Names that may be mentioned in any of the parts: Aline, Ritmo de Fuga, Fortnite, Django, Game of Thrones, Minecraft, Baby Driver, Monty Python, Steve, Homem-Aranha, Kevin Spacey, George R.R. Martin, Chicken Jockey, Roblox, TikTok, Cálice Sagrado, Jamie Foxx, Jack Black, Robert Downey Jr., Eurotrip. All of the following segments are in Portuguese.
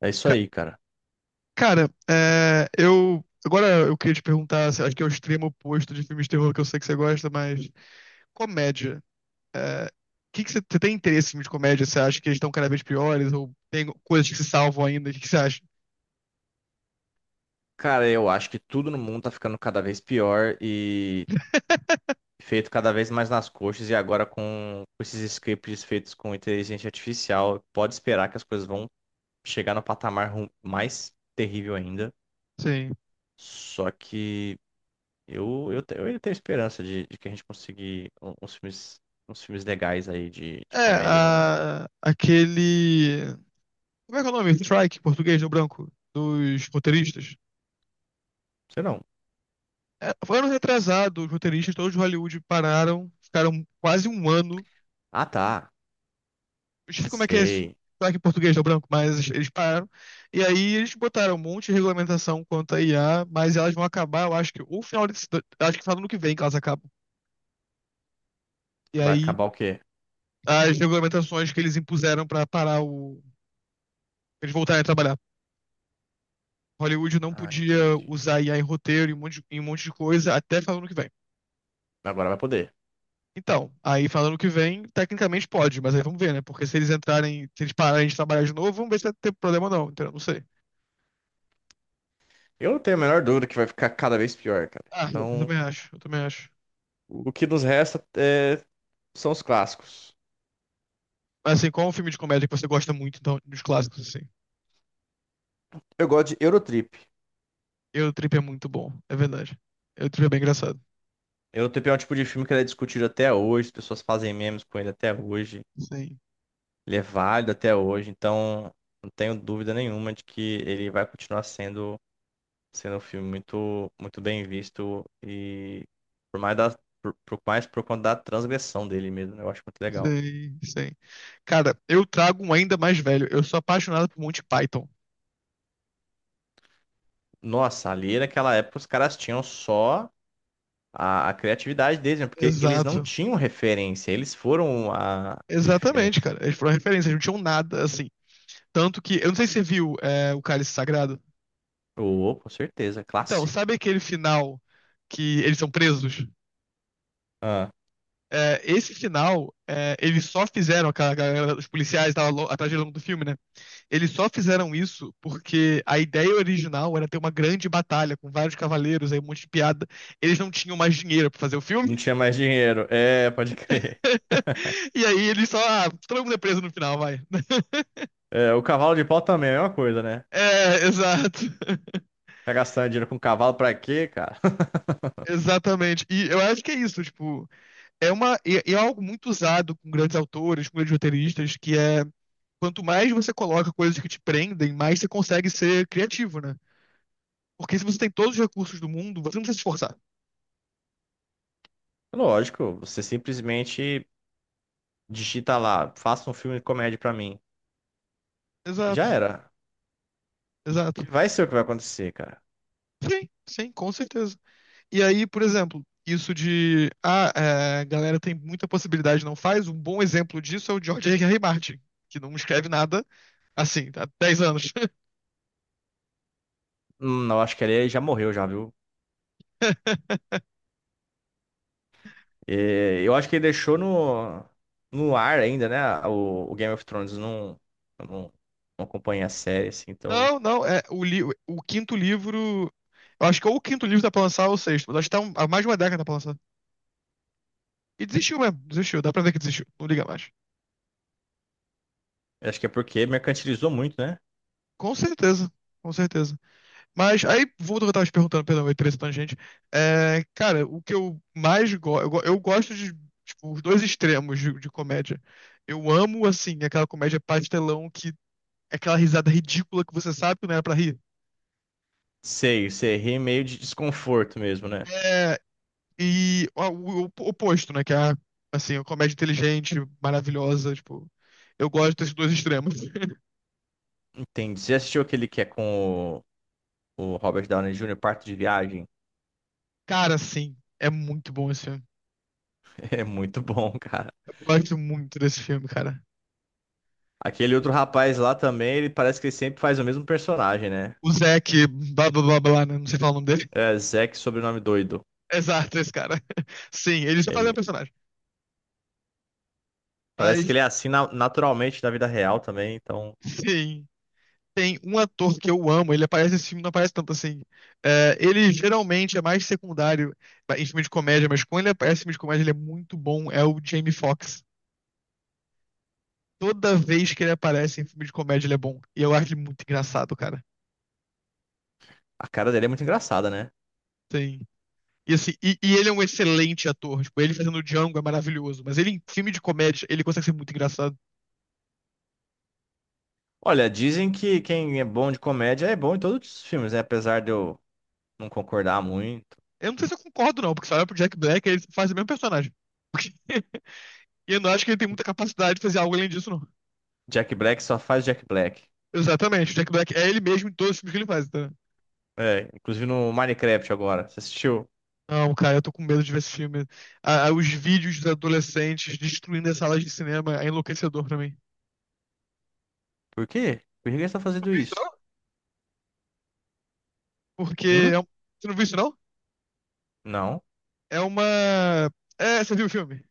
É isso Ca- aí, cara. Cara, eu. Agora eu queria te perguntar, se- acho que é o extremo oposto de filmes de terror que eu sei que você gosta, mas comédia. É, que você tem interesse em filmes de comédia? Você acha que eles estão cada vez piores? Ou tem coisas que se salvam ainda? O que que você acha? Cara, eu acho que tudo no mundo tá ficando cada vez pior e feito cada vez mais nas coxas. E agora com esses scripts feitos com inteligência artificial, pode esperar que as coisas vão chegar no patamar mais terrível ainda. Sim. Só que eu ainda tenho esperança de, que a gente conseguir uns filmes legais aí de É, comédia. Não a- aquele. Como é que é o nome? Strike, em português, no branco, dos roteiristas. sei não. É, foi ano retrasado, os roteiristas, todos de Hollywood pararam, ficaram quase um ano. Ah, tá. Eu sei como é que é esse Sei. sotaque em português do branco, mas eles pararam. E aí eles botaram um monte de regulamentação quanto à IA, mas elas vão acabar, eu acho que, ou final desse, acho que final do ano que vem que elas acabam. E Vai aí acabar o quê? as regulamentações que eles impuseram pra parar o, eles voltarem a trabalhar. Hollywood não Ah, podia entendi. usar IA em roteiro, em um monte de coisa, até final do ano que vem. Agora vai poder. Então, aí final do ano que vem, tecnicamente pode, mas aí vamos ver, né? Porque se eles entrarem, se eles pararem de trabalhar de novo, vamos ver se vai ter problema ou não, entendeu? Não sei. Eu não tenho a menor dúvida que vai ficar cada vez pior, cara. Ah, Então, eu também acho. o que nos resta são os clássicos. Mas assim, qual é um filme de comédia que você gosta muito, então, dos clássicos, assim? Eu gosto de Eurotrip. Eu Trip é muito bom, é verdade. Eu Trip é bem engraçado. Eurotrip é um tipo de filme que ele é discutido até hoje, as pessoas fazem memes com ele até hoje. Sim, Ele é válido até hoje, então não tenho dúvida nenhuma de que ele vai continuar sendo um filme muito, muito bem visto e por mais da, por mais por conta da transgressão dele mesmo, né? Eu acho muito legal. Sim. Cara, eu trago um ainda mais velho. Eu sou apaixonado por Monty Python. Nossa, ali naquela época os caras tinham só a criatividade deles, né? Porque eles não Exato. tinham referência, eles foram a Exatamente, referência. cara. Eles foram referência, eles não tinham nada, assim. Tanto que, eu não sei se você viu o Cálice Sagrado. Oh, com certeza, Então, clássico. sabe aquele final que eles são presos? Ah, É, esse final, é, eles só fizeram, aquela galera, os policiais estavam atrás de longo do filme, né? Eles só fizeram isso porque a ideia original era ter uma grande batalha com vários cavaleiros, aí um monte de piada. Eles não tinham mais dinheiro pra fazer o não filme. tinha mais dinheiro. É, pode crer. E aí eles só. Ah, todo mundo é preso no final, vai. É, o cavalo de pau também é a mesma coisa, né? É, exato. Ficar gastando dinheiro com cavalo pra quê, cara? Exatamente. E eu acho que é isso, tipo. É algo muito usado com grandes autores, com grandes roteiristas, que é. Quanto mais você coloca coisas que te prendem, mais você consegue ser criativo, né? Porque se você tem todos os recursos do mundo, você não precisa se esforçar. Lógico, você simplesmente digita lá, faça um filme de comédia pra mim. E já Exato, era. E exato. vai ser o que vai acontecer, cara. Sim, com certeza. E aí, por exemplo, isso de a galera tem muita possibilidade, não faz. Um bom exemplo disso é o George R.R. Martin, que não escreve nada assim, há 10 anos. Eu acho que ele já morreu já, viu? E eu acho que ele deixou no ar ainda, né? O Game of Thrones eu não, não acompanha a série, assim, então. Não, não, é o quinto livro. Eu acho que ou o quinto livro tá pra lançar ou o sexto, mas acho que tá um- há mais de uma década pra lançar. E desistiu mesmo, desistiu, dá pra ver que desistiu, não liga mais. Eu acho que é porque mercantilizou muito, né? Com certeza, com certeza. Mas aí, voltando ao que eu tava te perguntando, perdão, eu entrei nessa tangente. É, cara, o que eu mais gosto. Eu, eu gosto de tipo, os dois extremos de comédia. Eu amo, assim, aquela comédia pastelão que. É Aquela risada ridícula que você sabe que não era pra rir. Sei, sei, ri meio de desconforto mesmo, né? É, e ó, o oposto, né? Que é a, assim, a comédia inteligente, maravilhosa, tipo. Eu gosto desses dois extremos. Entendi. Você assistiu aquele que é com o Robert Downey Jr., Parto de Viagem? Cara, sim, é muito bom esse filme. É muito bom, cara. Eu gosto muito desse filme, cara. Aquele outro rapaz lá também, ele parece que ele sempre faz o mesmo personagem, né? O Zac, blá blá blá blá, né? Não sei falar o nome dele. É Zack, sobrenome doido. Exato, esse cara. Sim, ele só fazia um Ele personagem. parece que Mas, ele é assim naturalmente na vida real também, então sim, tem um ator que eu amo, ele aparece nesse filme, não aparece tanto assim. É, ele geralmente é mais secundário em filme de comédia, mas quando ele aparece em filme de comédia, ele é muito bom, é o Jamie Foxx. Toda vez que ele aparece em filme de comédia, ele é bom. E eu acho ele muito engraçado, cara. a cara dele é muito engraçada, né? Sim. E, e ele é um excelente ator. Tipo, ele fazendo o Django é maravilhoso. Mas ele em filme de comédia, ele consegue ser muito engraçado. Olha, dizem que quem é bom de comédia é bom em todos os filmes, né? Apesar de eu não concordar muito. Eu não sei se eu concordo, não, porque se olhar pro Jack Black, ele faz o mesmo personagem. E eu não acho que ele tem muita capacidade de fazer algo além disso, não. Jack Black só faz Jack Black. Exatamente. O Jack Black é ele mesmo em todos os filmes que ele faz, tá? É, inclusive no Minecraft agora. Você assistiu? Não, cara, eu tô com medo de ver esse filme. Os vídeos dos adolescentes destruindo as salas de cinema é enlouquecedor pra mim. Por quê? Por que ele está Não fazendo vi isso, isso? não? Porque Hum? é um... Você não viu isso, não? Não. É uma... É, você viu o filme?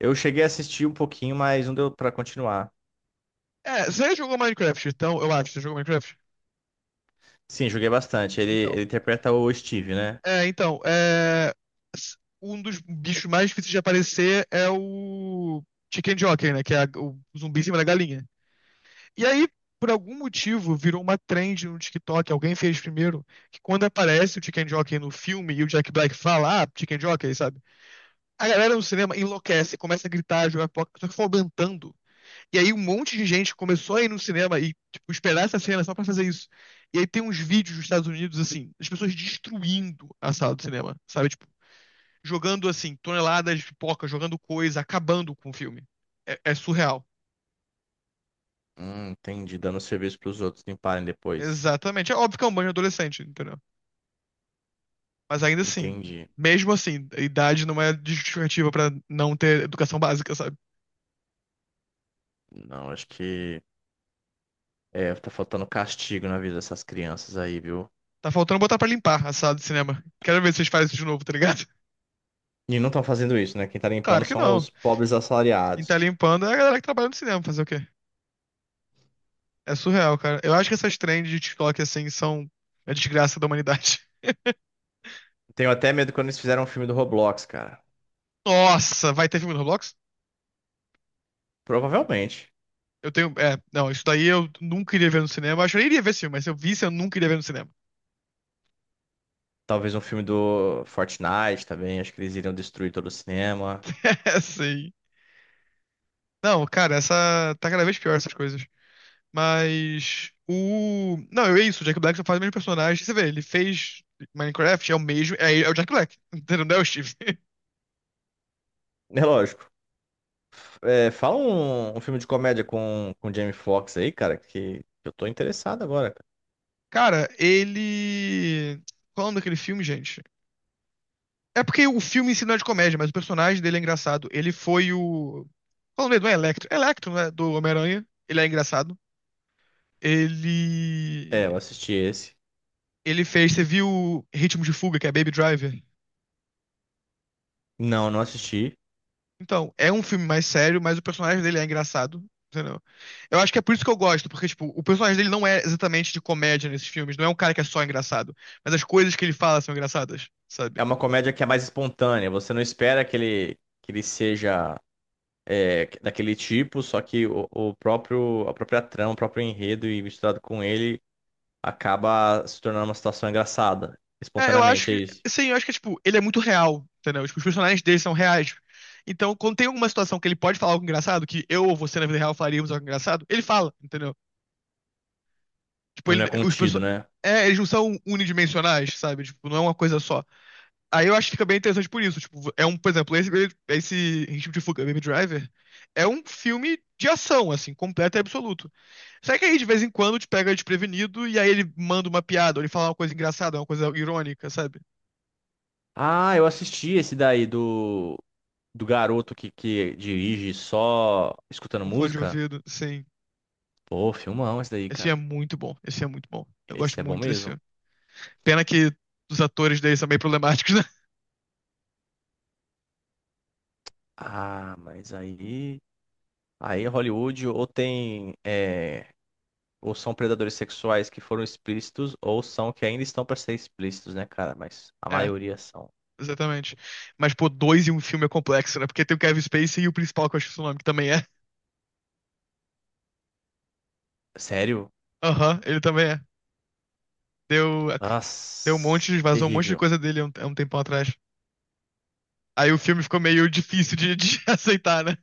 Eu cheguei a assistir um pouquinho, mas não deu pra continuar. É, você já jogou Minecraft, então, eu acho. Você jogou Minecraft? Sim, joguei bastante. Ele, Então. ele interpreta o Steve, né? É, então, é... s- um dos bichos mais difíceis de aparecer é o Chicken Jockey, né? Que é a- o zumbi em cima da galinha. E aí, por algum motivo, virou uma trend no TikTok, alguém fez primeiro, que quando aparece o Chicken Jockey no filme e o Jack Black fala, ah, Chicken Jockey, sabe? A galera no cinema enlouquece, começa a gritar, jogar pipoca, só que foi aumentando. E aí um monte de gente começou a ir no cinema e, tipo, esperar essa cena só pra fazer isso. E aí tem uns vídeos dos Estados Unidos, assim, as pessoas destruindo a sala do cinema, sabe? Tipo, jogando, assim, toneladas de pipoca, jogando coisa, acabando com o filme. É, é surreal. Entendi. Dando serviço pros outros limparem depois. Exatamente. É óbvio que é um banho adolescente, entendeu? Mas ainda assim, Entendi. mesmo assim, a idade não é justificativa pra não ter educação básica, sabe? Não, acho que. É, tá faltando castigo na vida dessas crianças aí, viu? Tá faltando botar pra limpar a sala de cinema. Quero ver se vocês fazem isso de novo, tá ligado? E não estão fazendo isso, né? Quem tá Claro limpando que são não. os pobres Quem tá assalariados. limpando é a galera que trabalha no cinema, fazer o quê? É surreal, cara. Eu acho que essas trends de TikTok assim são a desgraça da humanidade. Tenho até medo quando eles fizeram um filme do Roblox, cara. Nossa, vai ter filme no Roblox? Provavelmente. Eu tenho. É, não, isso daí eu nunca iria ver no cinema. Eu acho que eu nem iria ver esse filme, mas se eu visse, eu nunca iria ver no cinema. Talvez um filme do Fortnite também. Acho que eles iriam destruir todo o cinema. É, sim. Não, cara, essa. Tá cada vez pior essas coisas. Mas o. Não, é isso, o Jack Black só faz o mesmo personagem. Você vê, ele fez Minecraft, é o mesmo. É, é o Jack Black, entendeu? Não é o Steve. É lógico. É, fala um filme de comédia com o Jamie Foxx aí, cara, que eu tô interessado agora, cara. Cara, ele. Qual é o nome daquele filme, gente? É porque o filme em si não é de comédia, mas o personagem dele é engraçado. Ele foi o. Qual é o nome dele? Não é Electro. É Electro, né? Do Homem-Aranha. Ele é engraçado. É, eu Ele. assisti esse. Ele fez. Você viu Ritmo de Fuga, que é Baby Driver? Não, não assisti. Então, é um filme mais sério, mas o personagem dele é engraçado. Entendeu? Eu acho que é por isso que eu gosto, porque, tipo, o personagem dele não é exatamente de comédia nesses filmes, não é um cara que é só engraçado, mas as coisas que ele fala são engraçadas, É sabe? uma comédia que é mais espontânea. Você não espera que ele, seja daquele tipo, só que o próprio, a própria trama, o próprio enredo e misturado com ele acaba se tornando uma situação engraçada. Eu acho Espontaneamente, é que, isso. sim, eu acho que, tipo, ele é muito real, entendeu? Tipo, os personagens dele são reais. Então, quando tem alguma situação que ele pode falar algo engraçado, que eu ou você na vida real falaríamos algo engraçado, ele fala, entendeu? Tipo, Não é os contido, perso- né? é, eles não são unidimensionais, sabe? Tipo, não é uma coisa só. Aí eu acho que fica bem interessante por isso. Tipo, por exemplo, esse Ritmo de Fuga, Baby Driver, é um filme de ação, assim, completo e absoluto. Só que aí, de vez em quando, te pega desprevenido e aí ele manda uma piada, ou ele fala uma coisa engraçada, uma coisa irônica, sabe? Ah, eu assisti esse daí do, garoto que dirige só escutando Um fone de música. ouvido, sim. Pô, filmão esse daí, cara. Esse é muito bom. Eu gosto Esse é bom muito desse mesmo. filme. Pena que os atores dele são meio problemáticos, né? Ah, mas aí. Aí Hollywood ou tem ou são predadores sexuais que foram explícitos, ou são que ainda estão para ser explícitos, né, cara? Mas a É, maioria são. exatamente. Mas, pô, dois em um filme é complexo, né? Porque tem o Kevin Spacey e o principal, que eu acho que é o nome, que também é. Sério? Aham, ele também é. Deu, deu um monte, Nossa, de- vazou um monte de terrível. coisa dele há um tempão atrás. Aí o filme ficou meio difícil de aceitar, né?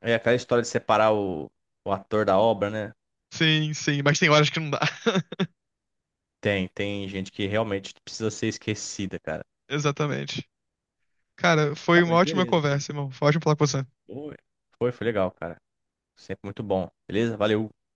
É aquela história de separar o, ator da obra, né? Sim, mas tem horas que não dá. Tem gente que realmente precisa ser esquecida, cara. Exatamente. Cara, foi Ah, uma mas ótima beleza, cara. conversa, irmão. Foi ótimo falar com você. Foi, foi legal, cara. Sempre muito bom. Beleza? Valeu.